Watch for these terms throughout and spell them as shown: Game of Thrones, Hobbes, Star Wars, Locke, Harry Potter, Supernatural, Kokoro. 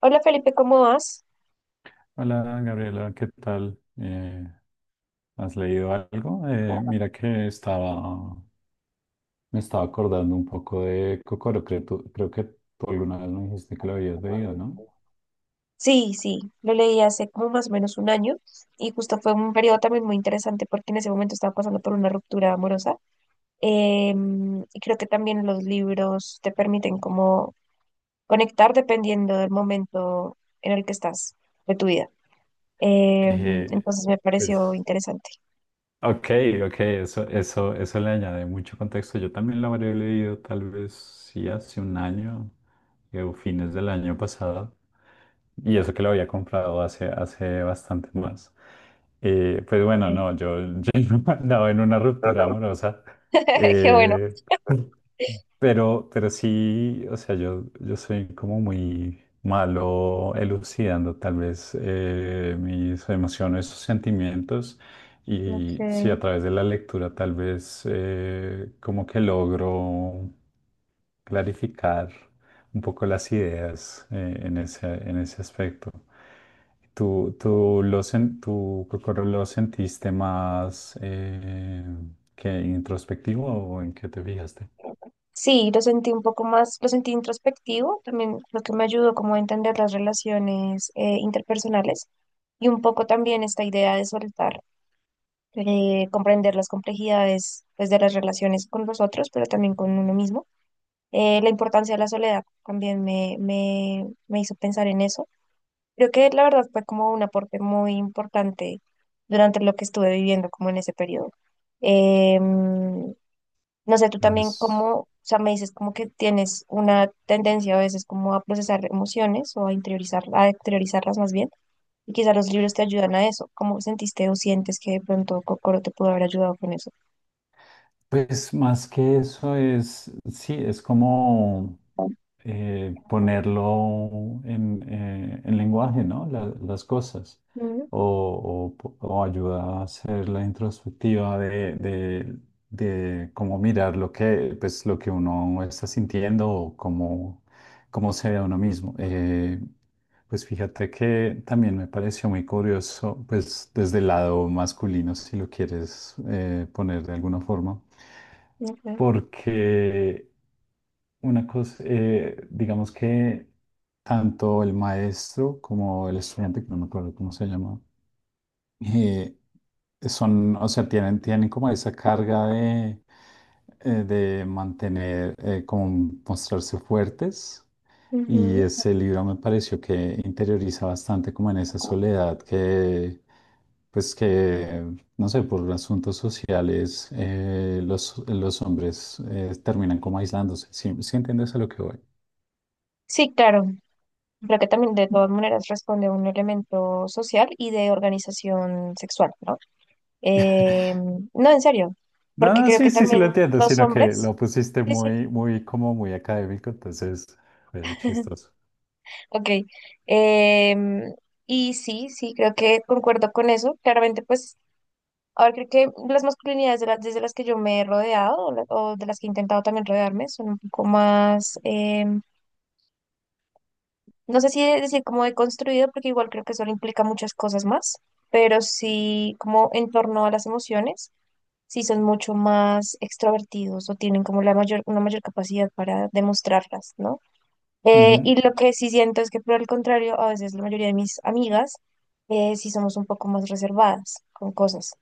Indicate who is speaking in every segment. Speaker 1: Hola Felipe, ¿cómo vas?
Speaker 2: Hola Gabriela, ¿qué tal? ¿Has leído algo? Mira que me estaba acordando un poco de Kokoro, creo, creo que tú alguna vez me dijiste que lo habías leído, ¿no?
Speaker 1: Sí, sí, lo leí hace como más o menos un año y justo fue un periodo también muy interesante porque en ese momento estaba pasando por una ruptura amorosa. Y creo que también los libros te permiten como conectar dependiendo del momento en el que estás de tu vida.
Speaker 2: Eh,
Speaker 1: Entonces me pareció
Speaker 2: pues,
Speaker 1: interesante.
Speaker 2: ok, ok, eso le añade mucho contexto. Yo también lo habré leído tal vez sí hace un año o fines del año pasado. Y eso que lo había comprado hace bastante más. Pues bueno,
Speaker 1: Sí.
Speaker 2: no, yo, yo no andaba en una ruptura amorosa,
Speaker 1: Qué bueno.
Speaker 2: eh, pero sí, o sea, yo soy como muy malo elucidando tal vez mis emociones, sus sentimientos, y sí, a
Speaker 1: Ok.
Speaker 2: través de la lectura tal vez como que logro clarificar un poco las ideas en ese aspecto. Tú creo que lo sentiste más ¿que introspectivo o en qué te fijaste?
Speaker 1: Sí, lo sentí un poco más, lo sentí introspectivo, también lo que me ayudó como a entender las relaciones interpersonales y un poco también esta idea de soltar, comprender las complejidades pues, de las relaciones con los otros, pero también con uno mismo. La importancia de la soledad también me hizo pensar en eso. Creo que la verdad fue como un aporte muy importante durante lo que estuve viviendo como en ese periodo. Em, no sé, tú
Speaker 2: Ujú.
Speaker 1: también como, o sea, me dices como que tienes una tendencia a veces como a procesar emociones o a interiorizar, a exteriorizarlas más bien, y quizá los libros te ayudan a eso. ¿Cómo sentiste o sientes que de pronto Kokoro te pudo haber ayudado con eso?
Speaker 2: Pues más que eso es, sí, es ponerlo en lenguaje, ¿no? Las cosas.
Speaker 1: Mm,
Speaker 2: O ayuda a hacer la introspectiva de cómo mirar lo que, pues, lo que uno está sintiendo o cómo se ve a uno mismo. Pues fíjate que también me pareció muy curioso, pues desde el lado masculino, si lo quieres poner de alguna forma,
Speaker 1: ok.
Speaker 2: porque una cosa, digamos que tanto el maestro como el estudiante, que no me acuerdo cómo se llama, eh, son, o sea, tienen como esa carga de mantener, como mostrarse fuertes. Y
Speaker 1: Ujú.
Speaker 2: ese libro me pareció que interioriza bastante como en esa soledad pues que, no sé, por asuntos sociales, los hombres terminan como aislándose. ¿Sí, sí entiendes a lo que voy?
Speaker 1: Sí, claro. Creo que también de todas maneras responde a un elemento social y de organización sexual, ¿no? Eh, no, en serio, porque
Speaker 2: No,
Speaker 1: creo
Speaker 2: sí,
Speaker 1: que
Speaker 2: sí, sí
Speaker 1: también
Speaker 2: lo entiendo,
Speaker 1: los
Speaker 2: sino que
Speaker 1: hombres,
Speaker 2: lo pusiste
Speaker 1: sí, sí,
Speaker 2: muy, como muy académico, entonces fue chistoso.
Speaker 1: ok. em, y sí, sí, creo que concuerdo con eso. Claramente, pues, a ver, creo que las masculinidades de las, desde las que yo me he rodeado o, o de las que he intentado también rodearme son un poco más, em, no sé si decir como he construido, porque igual creo que eso implica muchas cosas más, pero sí como en torno a las emociones, sí son mucho más extrovertidos o tienen como una mayor capacidad para demostrarlas, ¿no?
Speaker 2: Ujú.
Speaker 1: Y lo que sí siento es que por el contrario, a veces la mayoría de mis amigas sí somos un poco más reservadas con cosas.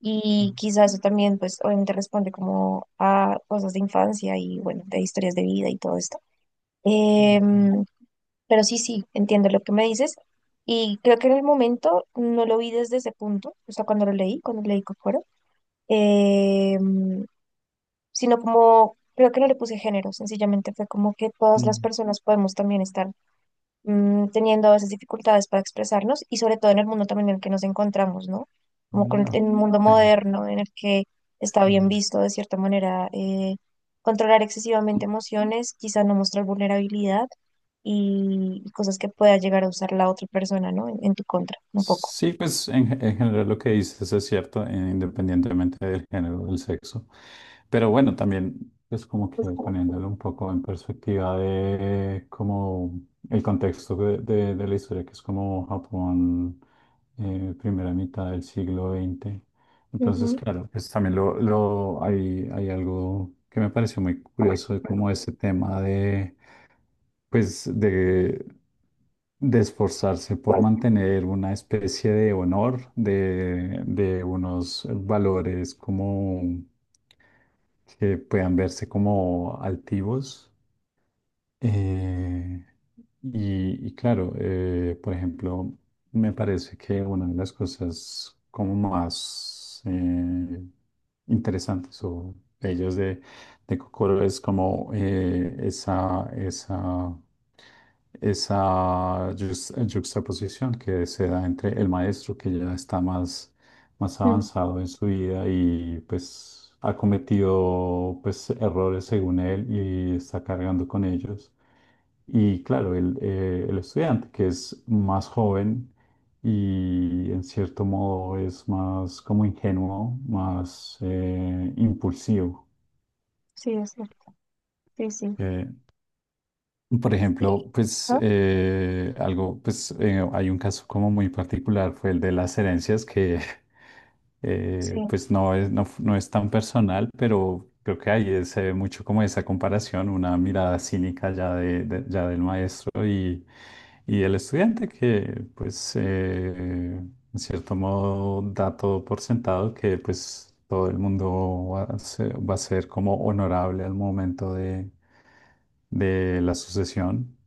Speaker 1: Y quizás eso también, pues obviamente responde como a cosas de infancia y bueno, de historias de vida y todo esto.
Speaker 2: Mm,
Speaker 1: Em, pero sí, sí, entiendo lo que me dices. Y creo que en el momento no lo vi desde ese punto, o sea, cuando lo leí, cuando leí Kokoro, em, sino como, creo que no le puse género, sencillamente fue como que todas las
Speaker 2: mm,
Speaker 1: personas podemos también estar teniendo a veces dificultades para expresarnos y sobre todo en el mundo también en el que nos encontramos, ¿no? Como
Speaker 2: mm, ok,
Speaker 1: en el mundo moderno en el que
Speaker 2: sí.
Speaker 1: está bien visto de cierta manera, controlar excesivamente emociones, quizá no mostrar vulnerabilidad y, cosas que pueda llegar a usar la otra persona, ¿no? En tu contra, un poco.
Speaker 2: Sí, pues en general lo que dices es cierto, independientemente del género, o del sexo. Pero bueno, también es como que poniéndolo un poco en perspectiva de como el contexto de la historia, que es como Japón, primera mitad del siglo XX. Entonces,
Speaker 1: Ujú,
Speaker 2: claro, pues también hay algo que me pareció muy curioso, de como ese tema pues de, de esforzarse por mantener una especie de honor, de unos valores como que puedan verse como altivos. Eh, y claro, por ejemplo, me parece que una de las cosas como más interesantes o bellas de Kokoro es como esa yuxtaposición que se da entre el maestro que ya está más
Speaker 1: ujú,
Speaker 2: avanzado en su vida y pues ha cometido pues errores según él y está cargando con ellos. Y claro, el estudiante que es más joven y en cierto modo es más como ingenuo, más impulsivo.
Speaker 1: sí, es cierto. Sí, sí.
Speaker 2: Por ejemplo, pues
Speaker 1: ¿No?
Speaker 2: algo, pues hay un caso como muy particular, fue el de las herencias que
Speaker 1: Sí.
Speaker 2: pues no es tan personal, pero creo que ahí se ve mucho como esa comparación, una mirada cínica ya, ya del maestro y el estudiante que en cierto modo, da todo por sentado que pues todo el mundo va a ser como honorable al momento de la sucesión,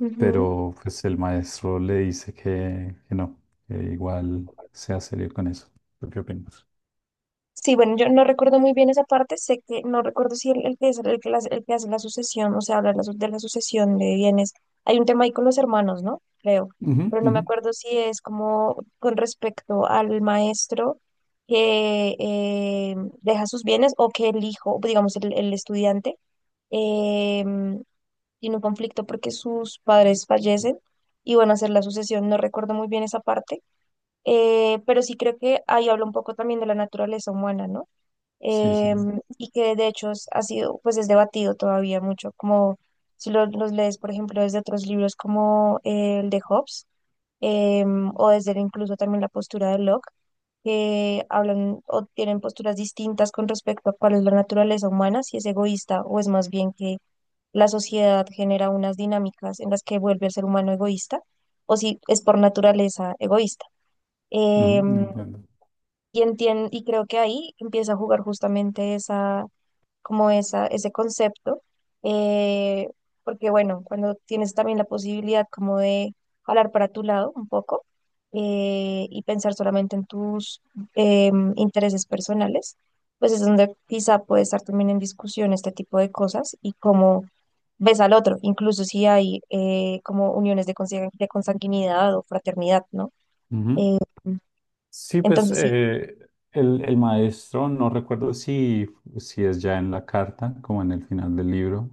Speaker 1: Ujú.
Speaker 2: pero pues el maestro le dice que no, que igual sea serio con eso. ¿Tú qué opinas?
Speaker 1: Sí, bueno, yo no recuerdo muy bien esa parte, sé que no recuerdo si el que es el que, el que hace la sucesión, o sea, habla de de la sucesión de bienes. Hay un tema ahí con los hermanos, ¿no? Creo,
Speaker 2: Ujú,
Speaker 1: pero no me
Speaker 2: ujú.
Speaker 1: acuerdo si es como con respecto al maestro que deja sus bienes o que el hijo, digamos, el estudiante, eh, tiene un conflicto porque sus padres fallecen y van a hacer la sucesión. No recuerdo muy bien esa parte, pero sí creo que ahí habla un poco también de la naturaleza humana, ¿no?
Speaker 2: Sí, sí.
Speaker 1: Y que de hecho ha sido, pues es debatido todavía mucho, como si los lees, por ejemplo, desde otros libros como el de Hobbes, o desde incluso también la postura de Locke, que hablan o tienen posturas distintas con respecto a cuál es la naturaleza humana, si es egoísta o es más bien que la sociedad genera unas dinámicas en las que vuelve al ser humano egoísta, o si es por naturaleza egoísta.
Speaker 2: Ujú, no
Speaker 1: Em,
Speaker 2: entiendo.
Speaker 1: y y creo que ahí empieza a jugar justamente esa como esa, ese concepto, eh, porque bueno, cuando tienes también la posibilidad como de jalar para tu lado un poco, y pensar solamente en tus intereses personales, pues es donde quizá puede estar también en discusión este tipo de cosas y cómo ves al otro, incluso si hay, como uniones de consanguinidad o fraternidad, ¿no?
Speaker 2: Ujú.
Speaker 1: Eh,
Speaker 2: Sí,
Speaker 1: entonces sí.
Speaker 2: el maestro, no recuerdo si, si es ya en la carta, como en el final del libro,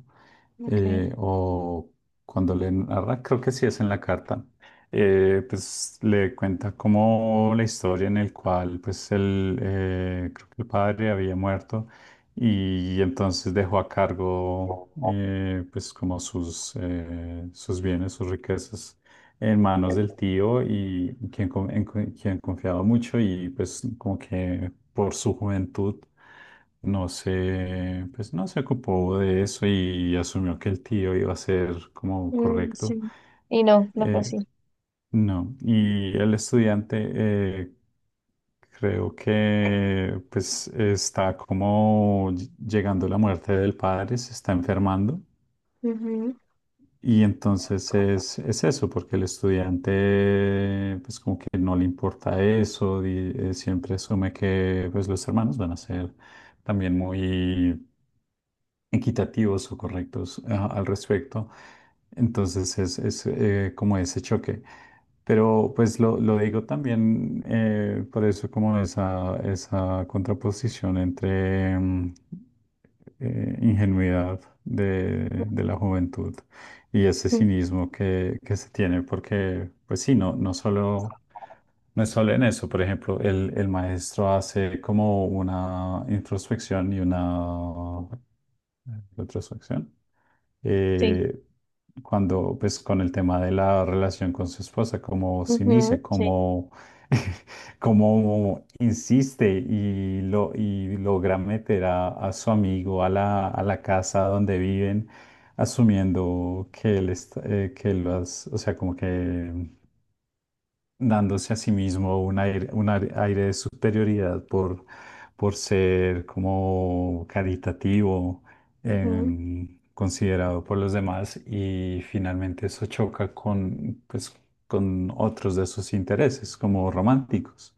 Speaker 1: Okay.
Speaker 2: o cuando le narra, creo que sí es en la carta, pues le cuenta como la historia en el cual pues creo que el padre había muerto y entonces dejó a cargo pues como sus bienes, sus riquezas en manos del tío y quien confiaba mucho y pues como que por su juventud no se, pues no se ocupó de eso y asumió que el tío iba a ser como
Speaker 1: Mm,
Speaker 2: correcto.
Speaker 1: sí. Y no, no fue
Speaker 2: Eh,
Speaker 1: así.
Speaker 2: no, y el estudiante creo que pues está como llegando la muerte del padre, se está enfermando
Speaker 1: Ujú.
Speaker 2: y entonces es eso, porque el estudiante pues como que no le importa eso, y, siempre asume que pues los hermanos van a ser también muy equitativos o correctos ah, al respecto. Entonces como ese choque. Pero pues lo digo también por eso como esa contraposición entre mm, ingenuidad de la juventud y ese
Speaker 1: Mm,
Speaker 2: cinismo que se tiene, porque pues sí, no solo no es solo en eso, por ejemplo, el maestro hace como una introspección y una retrospección.
Speaker 1: sí,
Speaker 2: eh, Cuando, pues, con el tema de la relación con su esposa, cómo se
Speaker 1: ujú, sí,
Speaker 2: cómo insiste y logra meter a su amigo a a la casa donde viven, asumiendo que él está, que o sea, como que dándose a sí mismo un aire, aire de superioridad por ser como caritativo,
Speaker 1: ujú,
Speaker 2: em, considerado por los demás y finalmente eso choca con, pues, con otros de sus intereses como románticos,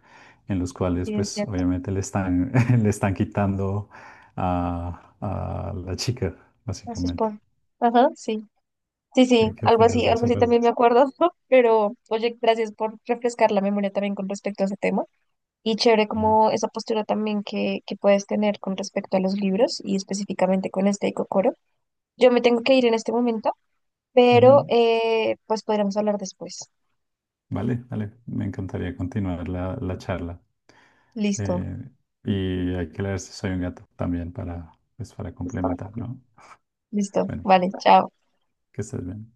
Speaker 2: en los cuales
Speaker 1: sí, es
Speaker 2: pues
Speaker 1: cierto.
Speaker 2: obviamente le están, le están quitando a la chica,
Speaker 1: Así es
Speaker 2: básicamente.
Speaker 1: por. Ajá, sí. Sí, sí,
Speaker 2: ¿Qué, qué opinas de
Speaker 1: algo
Speaker 2: esa
Speaker 1: así
Speaker 2: parte?
Speaker 1: también me acuerdo, pero oye, gracias por refrescar la memoria también con respecto a ese tema. Y chévere
Speaker 2: Ajá.
Speaker 1: como esa postura también que puedes tener con respecto a los libros y específicamente con este de. Yo me tengo que ir en este momento, pero,
Speaker 2: Ujú.
Speaker 1: pues podríamos hablar después.
Speaker 2: Vale, vale, me encantaría continuar la charla.
Speaker 1: Listo,
Speaker 2: Eh, y hay que leer Si soy un gato también para, pues, para complementar, ¿no?
Speaker 1: listo.
Speaker 2: Bueno,
Speaker 1: Vale, chao.
Speaker 2: que estés bien.